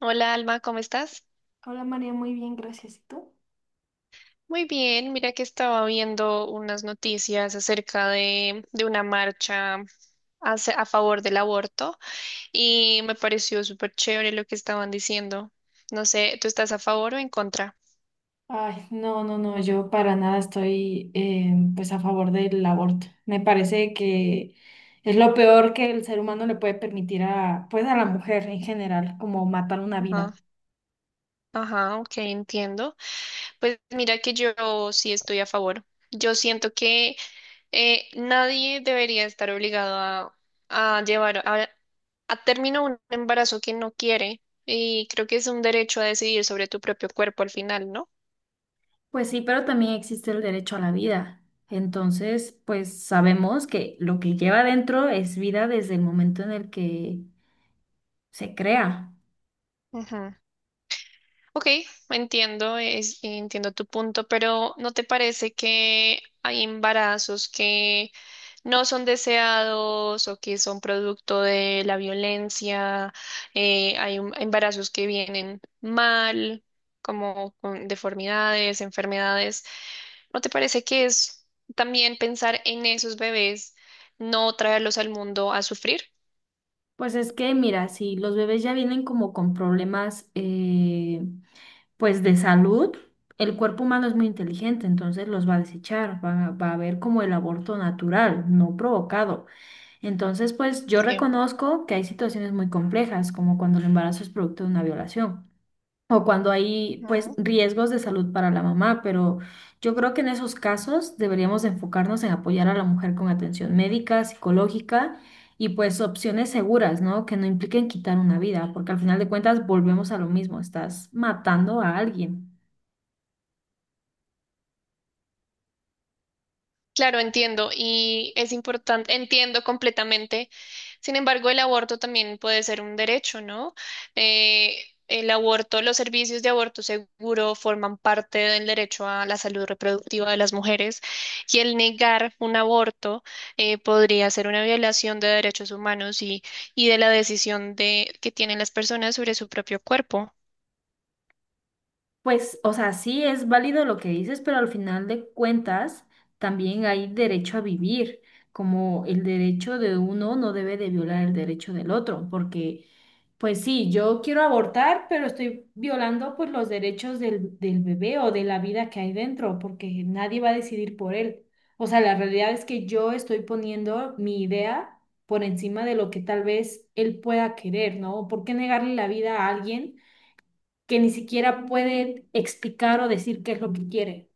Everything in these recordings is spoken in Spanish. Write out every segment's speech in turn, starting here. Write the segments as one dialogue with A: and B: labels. A: Hola Alma, ¿cómo estás?
B: Hola María, muy bien, gracias. ¿Y tú?
A: Muy bien, mira que estaba viendo unas noticias acerca de una marcha a favor del aborto y me pareció súper chévere lo que estaban diciendo. No sé, ¿tú estás a favor o en contra?
B: Ay, no, no, no, yo para nada estoy pues a favor del aborto. Me parece que es lo peor que el ser humano le puede permitir pues a la mujer en general, como matar una vida.
A: Ajá, ajá, ok, entiendo. Pues mira que yo sí estoy a favor. Yo siento que nadie debería estar obligado a llevar a término un embarazo que no quiere, y creo que es un derecho a decidir sobre tu propio cuerpo al final, ¿no?
B: Pues sí, pero también existe el derecho a la vida. Entonces, pues sabemos que lo que lleva dentro es vida desde el momento en el que se crea.
A: Ujú. Ok, entiendo, entiendo tu punto, pero ¿no te parece que hay embarazos que no son deseados o que son producto de la violencia? Hay embarazos que vienen mal, como con deformidades, enfermedades. ¿No te parece que es también pensar en esos bebés, no traerlos al mundo a sufrir?
B: Pues es que, mira, si los bebés ya vienen como con problemas pues de salud, el cuerpo humano es muy inteligente, entonces los va a desechar, va a haber como el aborto natural, no provocado. Entonces, pues yo
A: Sí.
B: reconozco que hay situaciones muy complejas, como cuando el embarazo es producto de una violación. O cuando hay, pues, riesgos de salud para la mamá, pero yo creo que en esos casos deberíamos de enfocarnos en apoyar a la mujer con atención médica, psicológica y pues opciones seguras, ¿no? Que no impliquen quitar una vida, porque al final de cuentas volvemos a lo mismo, estás matando a alguien.
A: Claro, entiendo y es importante, entiendo completamente. Sin embargo, el aborto también puede ser un derecho, ¿no? Eh, el aborto, los servicios de aborto seguro, forman parte del derecho a la salud reproductiva de las mujeres, y el negar un aborto podría ser una violación de derechos humanos, y de la decisión que tienen las personas sobre su propio cuerpo.
B: Pues, o sea, sí es válido lo que dices, pero al final de cuentas también hay derecho a vivir, como el derecho de uno no debe de violar el derecho del otro, porque, pues sí, yo quiero abortar, pero estoy violando pues los derechos del bebé o de la vida que hay dentro, porque nadie va a decidir por él. O sea, la realidad es que yo estoy poniendo mi idea por encima de lo que tal vez él pueda querer, ¿no? ¿Por qué negarle la vida a alguien que ni siquiera puede explicar o decir qué es lo que quiere?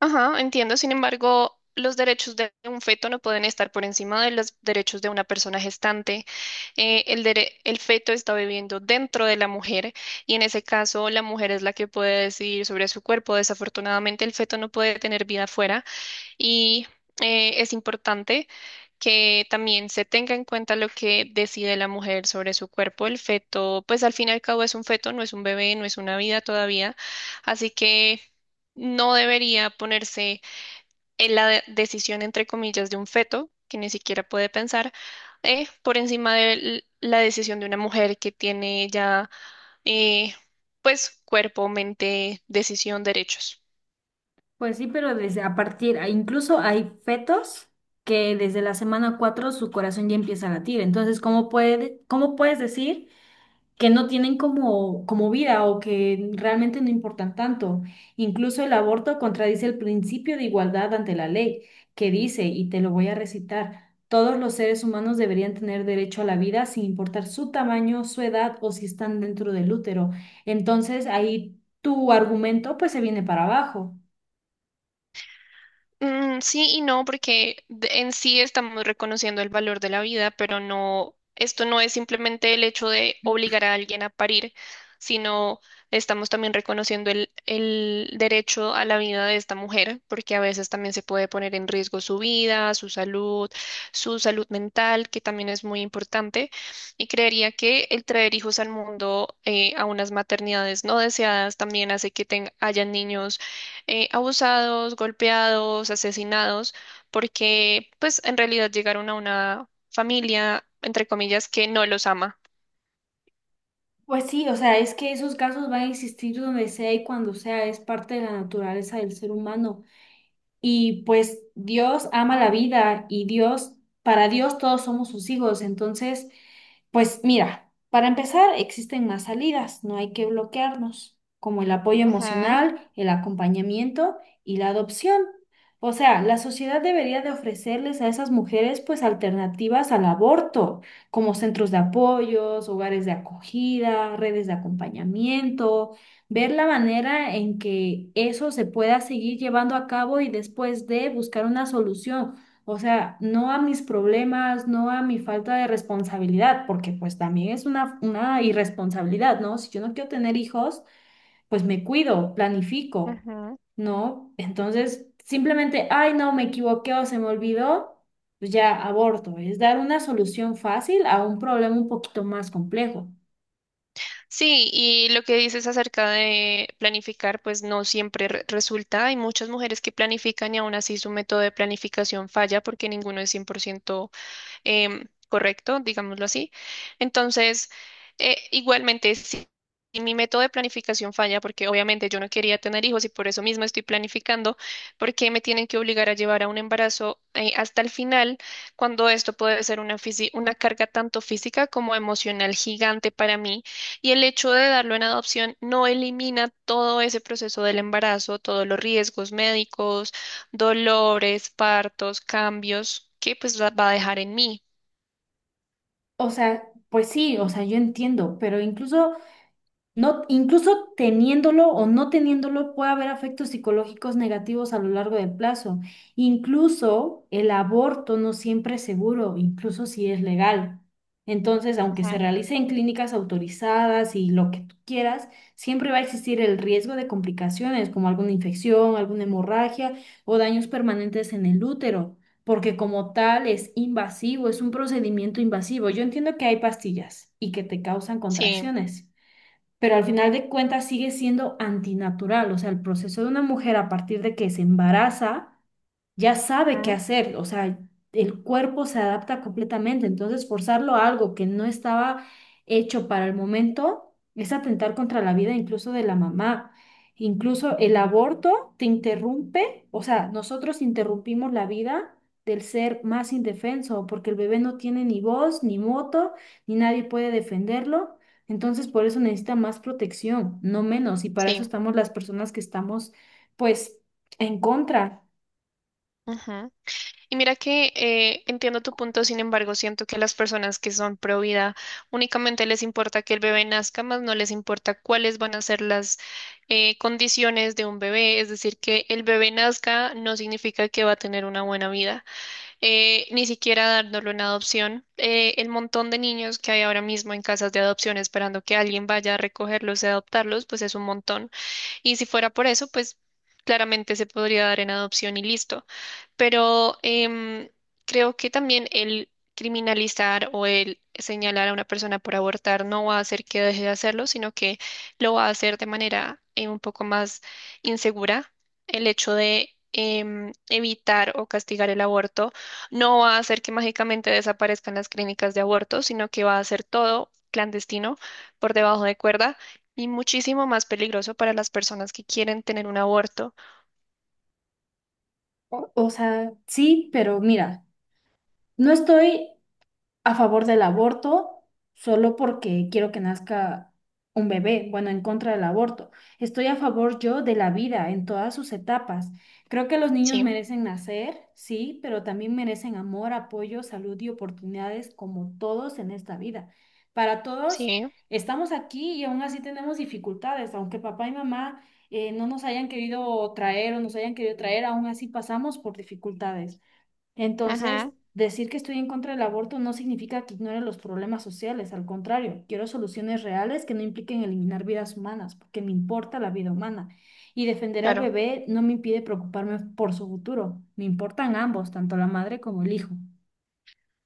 A: Ajá, entiendo. Sin embargo, los derechos de un feto no pueden estar por encima de los derechos de una persona gestante. El feto está viviendo dentro de la mujer, y en ese caso la mujer es la que puede decidir sobre su cuerpo. Desafortunadamente, el feto no puede tener vida afuera. Y es importante que también se tenga en cuenta lo que decide la mujer sobre su cuerpo. El feto, pues al fin y al cabo, es un feto, no es un bebé, no es una vida todavía. Así que no debería ponerse en la decisión, entre comillas, de un feto, que ni siquiera puede pensar, por encima de la decisión de una mujer que tiene ya, eh, pues, cuerpo, mente, decisión, derechos.
B: Pues sí, pero desde a partir, incluso hay fetos que desde la semana 4 su corazón ya empieza a latir. Entonces, ¿cómo puede, cómo puedes decir que no tienen como, como vida o que realmente no importan tanto? Incluso el aborto contradice el principio de igualdad ante la ley, que dice, y te lo voy a recitar, todos los seres humanos deberían tener derecho a la vida sin importar su tamaño, su edad o si están dentro del útero. Entonces ahí tu argumento pues se viene para abajo.
A: Mm, sí y no, porque en sí estamos reconociendo el valor de la vida, pero no, esto no es simplemente el hecho de obligar a alguien a parir, sino estamos también reconociendo el derecho a la vida de esta mujer, porque a veces también se puede poner en riesgo su vida, su salud mental, que también es muy importante. Y creería que el traer hijos al mundo, a unas maternidades no deseadas, también hace que tengan, hayan niños abusados, golpeados, asesinados, porque pues en realidad llegaron a una familia, entre comillas, que no los ama.
B: Pues sí, o sea, es que esos casos van a existir donde sea y cuando sea, es parte de la naturaleza del ser humano. Y pues Dios ama la vida y Dios, para Dios todos somos sus hijos. Entonces, pues mira, para empezar, existen más salidas, no hay que bloquearnos, como el apoyo
A: Ajá,
B: emocional, el acompañamiento y la adopción. O sea, la sociedad debería de ofrecerles a esas mujeres pues alternativas al aborto, como centros de apoyos, hogares de acogida, redes de acompañamiento, ver la manera en que eso se pueda seguir llevando a cabo y después de buscar una solución, o sea, no a mis problemas, no a mi falta de responsabilidad, porque pues también es una irresponsabilidad, ¿no? Si yo no quiero tener hijos, pues me cuido, planifico,
A: ajá.
B: ¿no? Entonces, simplemente, ay, no, me equivoqué o se me olvidó, pues ya aborto. Es dar una solución fácil a un problema un poquito más complejo.
A: Sí, y lo que dices acerca de planificar, pues no siempre resulta. Hay muchas mujeres que planifican y aún así su método de planificación falla, porque ninguno es cien por ciento, correcto, digámoslo así. Entonces, igualmente, si mi método de planificación falla, porque obviamente yo no quería tener hijos y por eso mismo estoy planificando, porque me tienen que obligar a llevar a un embarazo hasta el final, cuando esto puede ser una carga tanto física como emocional, gigante para mí. Y el hecho de darlo en adopción no elimina todo ese proceso del embarazo, todos los riesgos médicos, dolores, partos, cambios que pues va a dejar en mí.
B: O sea, pues sí, o sea, yo entiendo, pero incluso, no, incluso teniéndolo o no teniéndolo, puede haber efectos psicológicos negativos a lo largo del plazo. Incluso el aborto no siempre es seguro, incluso si es legal. Entonces, aunque se
A: Ajá,
B: realice en clínicas autorizadas y lo que tú quieras, siempre va a existir el riesgo de complicaciones como alguna infección, alguna hemorragia o daños permanentes en el útero, porque como tal es invasivo, es un procedimiento invasivo. Yo entiendo que hay pastillas y que te causan
A: sí,
B: contracciones, pero al final de cuentas sigue siendo antinatural. O sea, el proceso de una mujer a partir de que se embaraza ya sabe qué
A: ajá,
B: hacer, o sea, el cuerpo se adapta completamente, entonces forzarlo a algo que no estaba hecho para el momento es atentar contra la vida incluso de la mamá. Incluso el aborto te interrumpe, o sea, nosotros interrumpimos la vida del ser más indefenso, porque el bebé no tiene ni voz, ni voto, ni nadie puede defenderlo. Entonces, por eso necesita más protección, no menos, y para eso
A: sí.
B: estamos las personas que estamos, pues, en contra.
A: Ajá. Y mira que entiendo tu punto, sin embargo, siento que las personas que son pro vida únicamente les importa que el bebé nazca, más no les importa cuáles van a ser las condiciones de un bebé. Es decir, que el bebé nazca no significa que va a tener una buena vida, ni siquiera dándolo en adopción. El montón de niños que hay ahora mismo en casas de adopción esperando que alguien vaya a recogerlos y adoptarlos, pues es un montón. Y si fuera por eso, pues claramente se podría dar en adopción y listo. Pero creo que también el criminalizar o el señalar a una persona por abortar no va a hacer que deje de hacerlo, sino que lo va a hacer de manera un poco más insegura. El hecho de evitar o castigar el aborto no va a hacer que mágicamente desaparezcan las clínicas de aborto, sino que va a hacer todo clandestino, por debajo de cuerda, y muchísimo más peligroso para las personas que quieren tener un aborto.
B: O sea, sí, pero mira, no estoy a favor del aborto solo porque quiero que nazca un bebé, bueno, en contra del aborto. Estoy a favor yo de la vida en todas sus etapas. Creo que los niños
A: Sí,
B: merecen nacer, sí, pero también merecen amor, apoyo, salud y oportunidades como todos en esta vida. Para todos
A: sí,
B: estamos aquí y aún así tenemos dificultades, aunque papá y mamá no nos hayan querido traer o nos hayan querido traer, aún así pasamos por dificultades. Entonces,
A: ujú,
B: decir que estoy en contra del aborto no significa que ignore los problemas sociales, al contrario, quiero soluciones reales que no impliquen eliminar vidas humanas, porque me importa la vida humana. Y defender al
A: claro.
B: bebé no me impide preocuparme por su futuro, me importan ambos, tanto la madre como el hijo.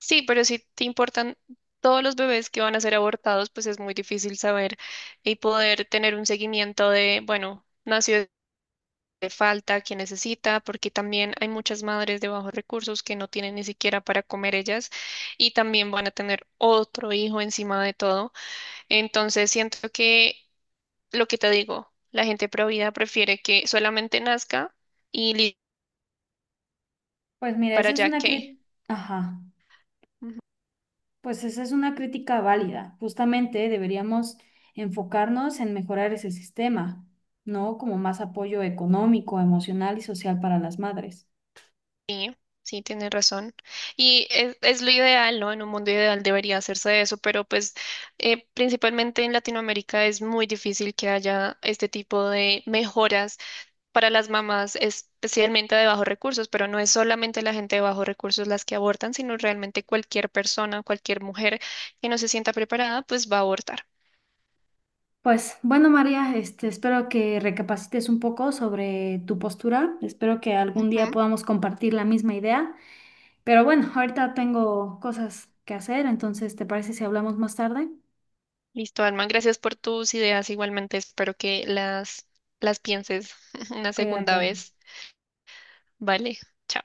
A: Sí, pero si te importan todos los bebés que van a ser abortados, pues es muy difícil saber y poder tener un seguimiento de, bueno, nació, de falta, quién necesita, porque también hay muchas madres de bajos recursos que no tienen ni siquiera para comer ellas, y también van a tener otro hijo encima de todo. Entonces, siento que, lo que te digo, la gente provida prefiere que solamente nazca y
B: Pues mira,
A: para
B: esa es
A: allá
B: una
A: que.
B: crítica, ajá, pues esa es una crítica válida. Justamente deberíamos enfocarnos en mejorar ese sistema, ¿no? Como más apoyo económico, emocional y social para las madres.
A: Sí, tienes razón. Y es lo ideal, ¿no? En un mundo ideal debería hacerse eso, pero pues principalmente en Latinoamérica es muy difícil que haya este tipo de mejoras para las mamás, especialmente de bajos recursos, pero no es solamente la gente de bajos recursos las que abortan, sino realmente cualquier persona, cualquier mujer que no se sienta preparada, pues va a abortar.
B: Pues bueno, María, este, espero que recapacites un poco sobre tu postura. Espero que algún día
A: Ujú.
B: podamos compartir la misma idea. Pero bueno, ahorita tengo cosas que hacer, entonces, ¿te parece si hablamos más tarde?
A: Listo, Alma, gracias por tus ideas. Igualmente espero que las pienses una
B: Cuídate.
A: segunda vez. Vale, chao.